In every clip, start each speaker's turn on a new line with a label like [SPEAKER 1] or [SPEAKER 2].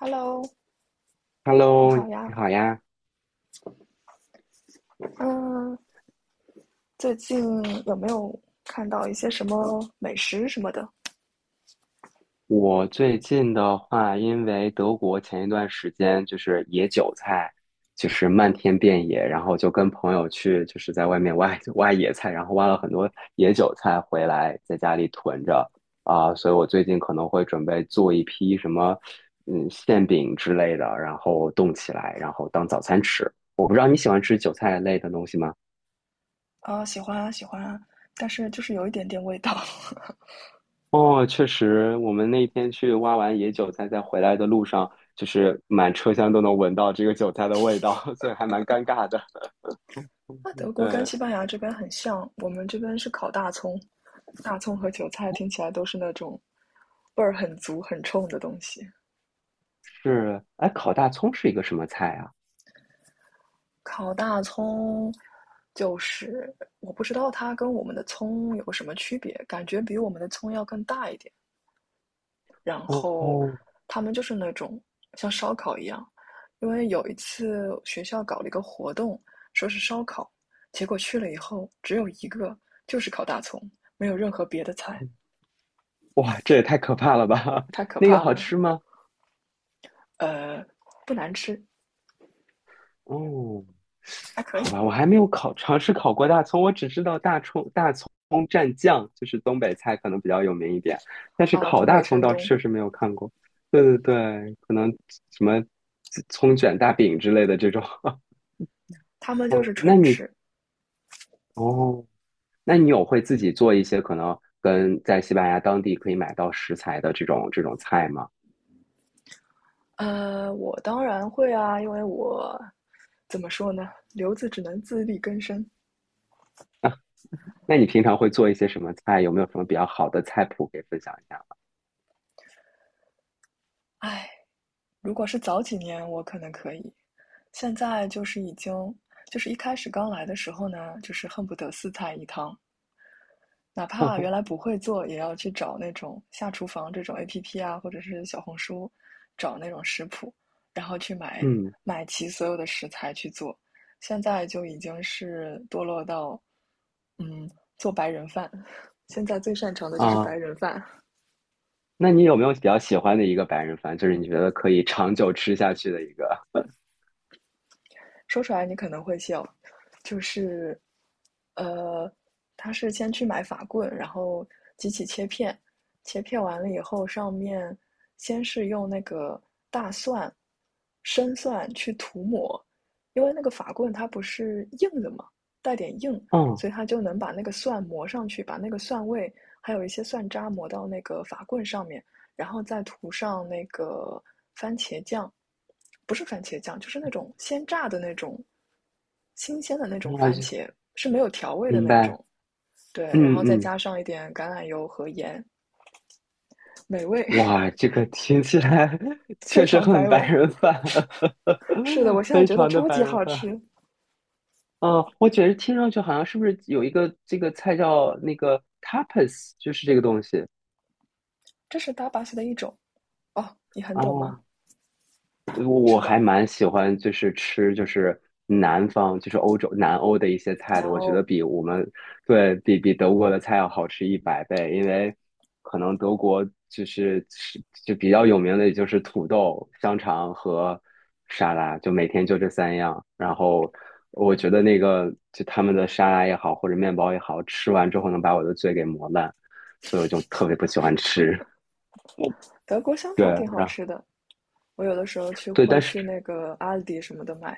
[SPEAKER 1] Hello，你
[SPEAKER 2] Hello，
[SPEAKER 1] 好
[SPEAKER 2] 你
[SPEAKER 1] 呀。
[SPEAKER 2] 好呀。
[SPEAKER 1] 嗯，最近有没有看到一些什么美食什么的？
[SPEAKER 2] 我最近的话，因为德国前一段时间就是野韭菜，就是漫天遍野，然后就跟朋友去，就是在外面挖挖野菜，然后挖了很多野韭菜回来，在家里囤着啊，所以我最近可能会准备做一批什么，馅饼之类的，然后冻起来，然后当早餐吃。我不知道你喜欢吃韭菜类的东西吗？
[SPEAKER 1] 啊，喜欢啊，喜欢啊，但是就是有一点点味道。
[SPEAKER 2] 哦，确实，我们那天去挖完野韭菜，在回来的路上，就是满车厢都能闻到这个韭菜的味道，所以还蛮尴尬的。
[SPEAKER 1] 那德国跟
[SPEAKER 2] 对，
[SPEAKER 1] 西班牙这边很像，我们这边是烤大葱，大葱和韭菜听起来都是那种味儿很足、很冲的东西。
[SPEAKER 2] 是，哎，烤大葱是一个什么菜啊？
[SPEAKER 1] 烤大葱就是我不知道它跟我们的葱有什么区别，感觉比我们的葱要更大一点。然
[SPEAKER 2] 哦
[SPEAKER 1] 后
[SPEAKER 2] 哦，
[SPEAKER 1] 他们就是那种像烧烤一样，因为有一次学校搞了一个活动，说是烧烤，结果去了以后只有一个，就是烤大葱，没有任何别的菜，
[SPEAKER 2] 哇，这也太可怕了吧！
[SPEAKER 1] 太 可
[SPEAKER 2] 那个
[SPEAKER 1] 怕
[SPEAKER 2] 好
[SPEAKER 1] 了。
[SPEAKER 2] 吃吗？
[SPEAKER 1] 呃，不难吃，
[SPEAKER 2] 哦，
[SPEAKER 1] 还可以
[SPEAKER 2] 好吧，我还没有尝试烤过大葱，我只知道大葱蘸酱，就是东北菜可能比较有名一点，但是
[SPEAKER 1] 啊。
[SPEAKER 2] 烤
[SPEAKER 1] 东
[SPEAKER 2] 大
[SPEAKER 1] 北、山
[SPEAKER 2] 葱倒是
[SPEAKER 1] 东，
[SPEAKER 2] 确实没有看过。对对对，可能什么葱卷大饼之类的这种。
[SPEAKER 1] 他们就
[SPEAKER 2] 哦，
[SPEAKER 1] 是纯吃。
[SPEAKER 2] 哦，那你有会自己做一些可能跟在西班牙当地可以买到食材的这种菜吗？
[SPEAKER 1] 我当然会啊，因为我怎么说呢，留子只能自力更生。
[SPEAKER 2] 那你平常会做一些什么菜？有没有什么比较好的菜谱可以分享一下吗？
[SPEAKER 1] 哎，如果是早几年，我可能可以，现在就是已经，就是一开始刚来的时候呢，就是恨不得四菜一汤，哪怕原来 不会做，也要去找那种下厨房这种 APP 啊，或者是小红书，找那种食谱，然后去买
[SPEAKER 2] 嗯
[SPEAKER 1] 买齐所有的食材去做。现在就已经是堕落到，嗯，做白人饭。现在最擅长的就是白
[SPEAKER 2] 啊。
[SPEAKER 1] 人饭。
[SPEAKER 2] 那你有没有比较喜欢的一个白人饭，就是你觉得可以长久吃下去的一个？
[SPEAKER 1] 说出来你可能会笑，就是，呃，他是先去买法棍，然后机器切片，切片完了以后，上面先是用那个大蒜、生蒜去涂抹，因为那个法棍它不是硬的嘛，带点硬，
[SPEAKER 2] 嗯，
[SPEAKER 1] 所以它就能把那个蒜磨上去，把那个蒜味还有一些蒜渣磨到那个法棍上面。然后再涂上那个番茄酱，不是番茄酱，就是那种鲜榨的那种新鲜的那种
[SPEAKER 2] 我
[SPEAKER 1] 番
[SPEAKER 2] 就
[SPEAKER 1] 茄，是没有调味的
[SPEAKER 2] 明
[SPEAKER 1] 那
[SPEAKER 2] 白。
[SPEAKER 1] 种。对，
[SPEAKER 2] 嗯
[SPEAKER 1] 然后再
[SPEAKER 2] 嗯，
[SPEAKER 1] 加上一点橄榄油和盐，美味，
[SPEAKER 2] 哇，这个听起来 确
[SPEAKER 1] 非
[SPEAKER 2] 实
[SPEAKER 1] 常
[SPEAKER 2] 很
[SPEAKER 1] 白
[SPEAKER 2] 白
[SPEAKER 1] 文。
[SPEAKER 2] 人饭，
[SPEAKER 1] 是的，我 现在
[SPEAKER 2] 非
[SPEAKER 1] 觉得
[SPEAKER 2] 常的
[SPEAKER 1] 超
[SPEAKER 2] 白
[SPEAKER 1] 级
[SPEAKER 2] 人
[SPEAKER 1] 好
[SPEAKER 2] 饭。
[SPEAKER 1] 吃，
[SPEAKER 2] 哦，我觉得听上去好像是不是有一个这个菜叫那个 tapas，就是这个东西。
[SPEAKER 1] 这是搭巴西的一种哦，你很懂
[SPEAKER 2] 哦，
[SPEAKER 1] 吗？
[SPEAKER 2] 对，我
[SPEAKER 1] 是
[SPEAKER 2] 我
[SPEAKER 1] 的，
[SPEAKER 2] 还蛮喜欢，就是吃，就是南方，就是欧洲南欧的一些菜
[SPEAKER 1] 然
[SPEAKER 2] 的。我觉
[SPEAKER 1] 后
[SPEAKER 2] 得比我们对比比德国的菜要好吃100倍，因为可能德国就是吃就比较有名的，也就是土豆、香肠和沙拉，就每天就这三样。然后我觉得那个就他们的沙拉也好，或者面包也好，吃完之后能把我的嘴给磨烂，所以我就特别不喜欢吃。
[SPEAKER 1] 德国香
[SPEAKER 2] 对，
[SPEAKER 1] 肠挺好
[SPEAKER 2] 然后
[SPEAKER 1] 吃的，我有的时候去
[SPEAKER 2] 对，但
[SPEAKER 1] 会
[SPEAKER 2] 是。
[SPEAKER 1] 去那个阿迪什么的买。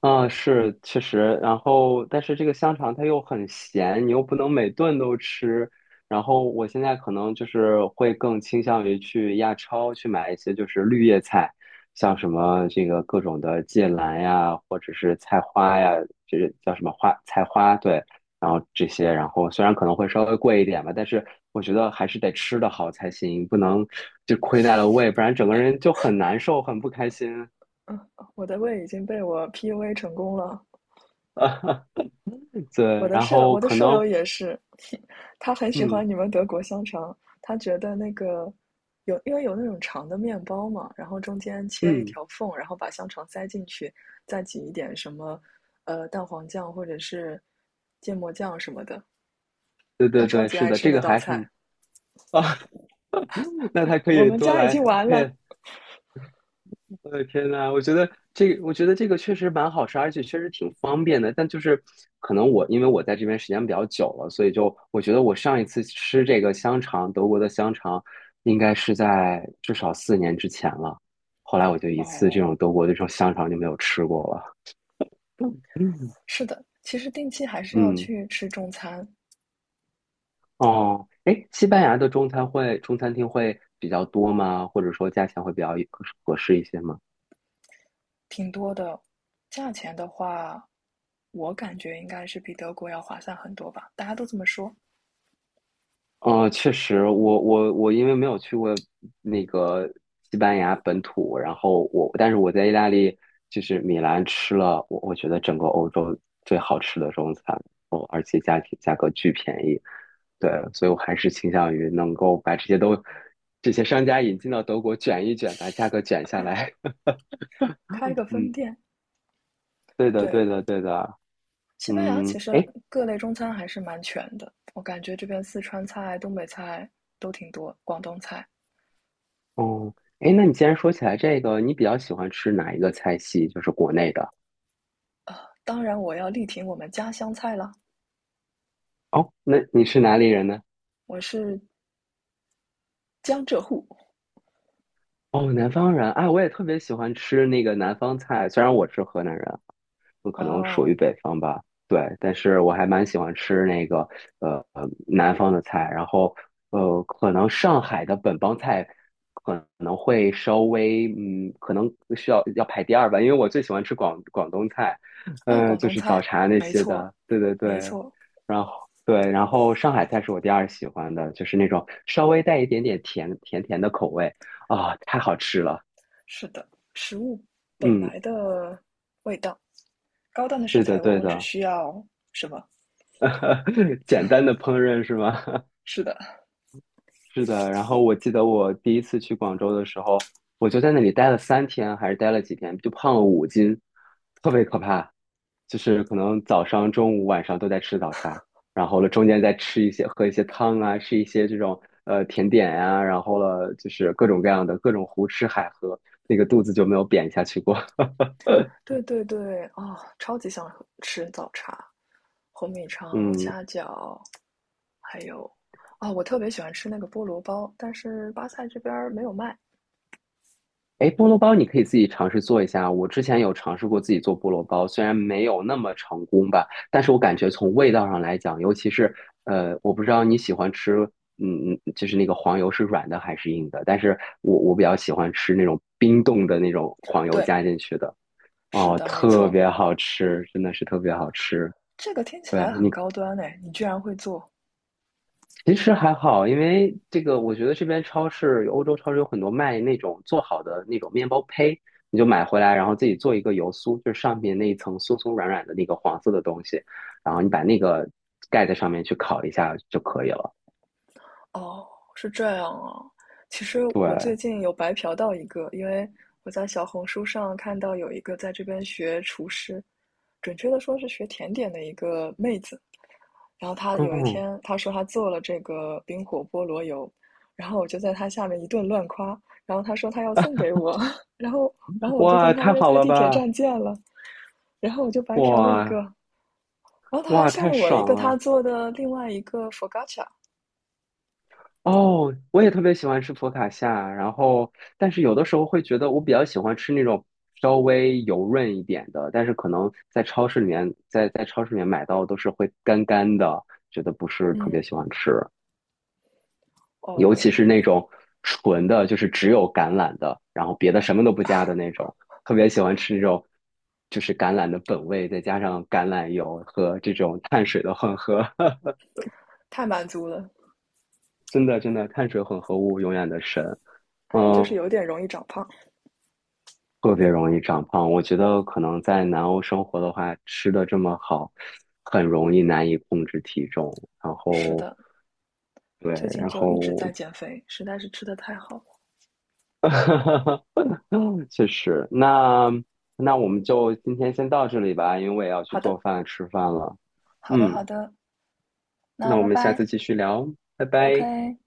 [SPEAKER 2] 嗯，是，确实，然后但是这个香肠它又很咸，你又不能每顿都吃。然后我现在可能就是会更倾向于去亚超去买一些就是绿叶菜，像什么这个各种的芥蓝呀，或者是菜花呀，这个叫什么花菜花，对，然后这些，然后虽然可能会稍微贵一点吧，但是我觉得还是得吃得好才行，不能就亏待了胃，不然整个人就很难受，很不开心。
[SPEAKER 1] 我的胃已经被我 PUA 成功了，
[SPEAKER 2] 对，然后
[SPEAKER 1] 我的
[SPEAKER 2] 可
[SPEAKER 1] 舍
[SPEAKER 2] 能
[SPEAKER 1] 友也是，他很喜
[SPEAKER 2] 嗯
[SPEAKER 1] 欢你们德国香肠，他觉得那个有，因为有那种长的面包嘛，然后中间切一
[SPEAKER 2] 嗯，
[SPEAKER 1] 条缝，然后把香肠塞进去，再挤一点什么蛋黄酱或者是芥末酱什么的，
[SPEAKER 2] 对
[SPEAKER 1] 他
[SPEAKER 2] 对
[SPEAKER 1] 超
[SPEAKER 2] 对，
[SPEAKER 1] 级
[SPEAKER 2] 是
[SPEAKER 1] 爱
[SPEAKER 2] 的，
[SPEAKER 1] 吃
[SPEAKER 2] 这
[SPEAKER 1] 那
[SPEAKER 2] 个
[SPEAKER 1] 道
[SPEAKER 2] 还是
[SPEAKER 1] 菜。
[SPEAKER 2] 啊，那他可
[SPEAKER 1] 我
[SPEAKER 2] 以
[SPEAKER 1] 们
[SPEAKER 2] 多
[SPEAKER 1] 家已经
[SPEAKER 2] 来，
[SPEAKER 1] 完了。
[SPEAKER 2] 配。我的天呐，我觉得这个确实蛮好吃，而且确实挺方便的。但就是可能我因为我在这边时间比较久了，所以就我觉得我上一次吃这个香肠，德国的香肠，应该是在至少4年之前了。后来我就一次这
[SPEAKER 1] 哦，
[SPEAKER 2] 种德国的这种香肠就没有吃过了。嗯
[SPEAKER 1] 是的，其实定期还是要
[SPEAKER 2] 嗯。
[SPEAKER 1] 去吃中餐，
[SPEAKER 2] 哦，哎，西班牙的中餐厅会比较多吗？或者说价钱会比较合适一些吗？
[SPEAKER 1] 挺多的。价钱的话，我感觉应该是比德国要划算很多吧，大家都这么说。
[SPEAKER 2] 哦，确实，我因为没有去过那个西班牙本土，然后我但是我在意大利就是米兰吃了，我觉得整个欧洲最好吃的中餐，哦，而且价格巨便宜，对，所以我还是倾向于能够把这些商家引进到德国卷一卷，把价格卷下来。
[SPEAKER 1] 开 个分
[SPEAKER 2] 嗯，
[SPEAKER 1] 店，
[SPEAKER 2] 对的，
[SPEAKER 1] 对，
[SPEAKER 2] 对的，对的。
[SPEAKER 1] 西班牙
[SPEAKER 2] 嗯，
[SPEAKER 1] 其实
[SPEAKER 2] 哎，
[SPEAKER 1] 各类中餐还是蛮全的，我感觉这边四川菜、东北菜都挺多，广东菜。
[SPEAKER 2] 哦，哎，那你既然说起来这个，你比较喜欢吃哪一个菜系？就是国内的。
[SPEAKER 1] 当然，我要力挺我们家乡菜啦，
[SPEAKER 2] 哦，那你是哪里人呢？
[SPEAKER 1] 我是江浙沪。
[SPEAKER 2] 哦，南方人，哎，我也特别喜欢吃那个南方菜，虽然我是河南人，我可能属
[SPEAKER 1] 哦，
[SPEAKER 2] 于北方吧，对，但是我还蛮喜欢吃那个南方的菜，然后可能上海的本帮菜可能会稍微可能要排第二吧，因为我最喜欢吃广东菜，
[SPEAKER 1] 啊，
[SPEAKER 2] 嗯，
[SPEAKER 1] 广
[SPEAKER 2] 就
[SPEAKER 1] 东
[SPEAKER 2] 是早
[SPEAKER 1] 菜，
[SPEAKER 2] 茶那
[SPEAKER 1] 没
[SPEAKER 2] 些
[SPEAKER 1] 错，
[SPEAKER 2] 的，对对
[SPEAKER 1] 没
[SPEAKER 2] 对，
[SPEAKER 1] 错，
[SPEAKER 2] 然后。对，然后上海菜是我第二喜欢的，就是那种稍微带一点点甜的口味。啊，太好吃了。
[SPEAKER 1] 是的，食物本
[SPEAKER 2] 嗯，
[SPEAKER 1] 来的味道，高档的食
[SPEAKER 2] 对的，
[SPEAKER 1] 材往
[SPEAKER 2] 对
[SPEAKER 1] 往只
[SPEAKER 2] 的。
[SPEAKER 1] 需要什么？
[SPEAKER 2] 简单的烹饪是吗？
[SPEAKER 1] 是的，
[SPEAKER 2] 是的。然后我记得我第一次去广州的时候，我就在那里待了3天，还是待了几天，就胖了5斤，特别可怕。就是可能早上、中午、晚上都在吃早茶，然后了中间再吃一些、喝一些汤啊，吃一些这种甜点呀、然后了就是各种各样的胡吃海喝，那个肚子就没有扁下去过。
[SPEAKER 1] 对对对，啊、超级想喝吃早茶。红米肠、
[SPEAKER 2] 嗯。
[SPEAKER 1] 虾饺，还有啊，哦我特别喜欢吃那个菠萝包，但是巴塞这边儿没有卖。
[SPEAKER 2] 哎，菠萝包你可以自己尝试做一下。我之前有尝试过自己做菠萝包，虽然没有那么成功吧，但是我感觉从味道上来讲，尤其是我不知道你喜欢吃，就是那个黄油是软的还是硬的，但是我比较喜欢吃那种冰冻的那种黄油
[SPEAKER 1] 对，
[SPEAKER 2] 加进去的，
[SPEAKER 1] 是
[SPEAKER 2] 哦，
[SPEAKER 1] 的，没
[SPEAKER 2] 特
[SPEAKER 1] 错，
[SPEAKER 2] 别好吃，真的是特别好吃。
[SPEAKER 1] 这个听起
[SPEAKER 2] 对，
[SPEAKER 1] 来很高端哎，你居然会做？
[SPEAKER 2] 其实还好，因为这个，我觉得这边超市，欧洲超市有很多卖那种做好的那种面包胚，你就买回来，然后自己做一个油酥，就是上面那一层酥酥软软的那个黄色的东西，然后你把那个盖在上面去烤一下就可以了。
[SPEAKER 1] 哦，是这样啊。其实我最
[SPEAKER 2] 对，
[SPEAKER 1] 近有白嫖到一个，因为我在小红书上看到有一个在这边学厨师，准确的说是学甜点的一个妹子，然后他有一
[SPEAKER 2] 嗯，
[SPEAKER 1] 天他说他做了这个冰火菠萝油，然后我就在他下面一顿乱夸，然后他说他要送给我，然后我就跟
[SPEAKER 2] 哇，
[SPEAKER 1] 他
[SPEAKER 2] 太
[SPEAKER 1] 约
[SPEAKER 2] 好
[SPEAKER 1] 在
[SPEAKER 2] 了
[SPEAKER 1] 地铁
[SPEAKER 2] 吧，
[SPEAKER 1] 站见了，然后我就白嫖了一个，
[SPEAKER 2] 哇
[SPEAKER 1] 然后他还
[SPEAKER 2] 哇，
[SPEAKER 1] 送
[SPEAKER 2] 太
[SPEAKER 1] 了我一
[SPEAKER 2] 爽
[SPEAKER 1] 个他
[SPEAKER 2] 了。
[SPEAKER 1] 做的另外一个佛 o c
[SPEAKER 2] 哦，我也特别喜欢吃佛卡夏，然后但是有的时候会觉得我比较喜欢吃那种稍微油润一点的，但是可能在超市里面，在超市里面买到都是会干干的，觉得不是特
[SPEAKER 1] 嗯，
[SPEAKER 2] 别喜欢吃，尤
[SPEAKER 1] 哦，
[SPEAKER 2] 其是那种纯的，就是只有橄榄的，然后别的什么都不加的那种，特别喜欢吃那种就是橄榄的本味，再加上橄榄油和这种碳水的混合，
[SPEAKER 1] 太满足了，
[SPEAKER 2] 真的碳水混合物永远的神。
[SPEAKER 1] 就是
[SPEAKER 2] 嗯，
[SPEAKER 1] 有点容易长胖。
[SPEAKER 2] 特别容易长胖。我觉得可能在南欧生活的话，吃的这么好，很容易难以控制体重。然
[SPEAKER 1] 是
[SPEAKER 2] 后，
[SPEAKER 1] 的，
[SPEAKER 2] 对，
[SPEAKER 1] 最近
[SPEAKER 2] 然
[SPEAKER 1] 就一直在
[SPEAKER 2] 后，
[SPEAKER 1] 减肥，实在是吃的太好了。
[SPEAKER 2] 确实，那我们就今天先到这里吧，因为我也要
[SPEAKER 1] 好
[SPEAKER 2] 去
[SPEAKER 1] 的，
[SPEAKER 2] 做饭吃饭了。
[SPEAKER 1] 好的，好
[SPEAKER 2] 嗯，
[SPEAKER 1] 的，那
[SPEAKER 2] 那我
[SPEAKER 1] 拜
[SPEAKER 2] 们下
[SPEAKER 1] 拜
[SPEAKER 2] 次继续聊，拜拜。
[SPEAKER 1] ，OK。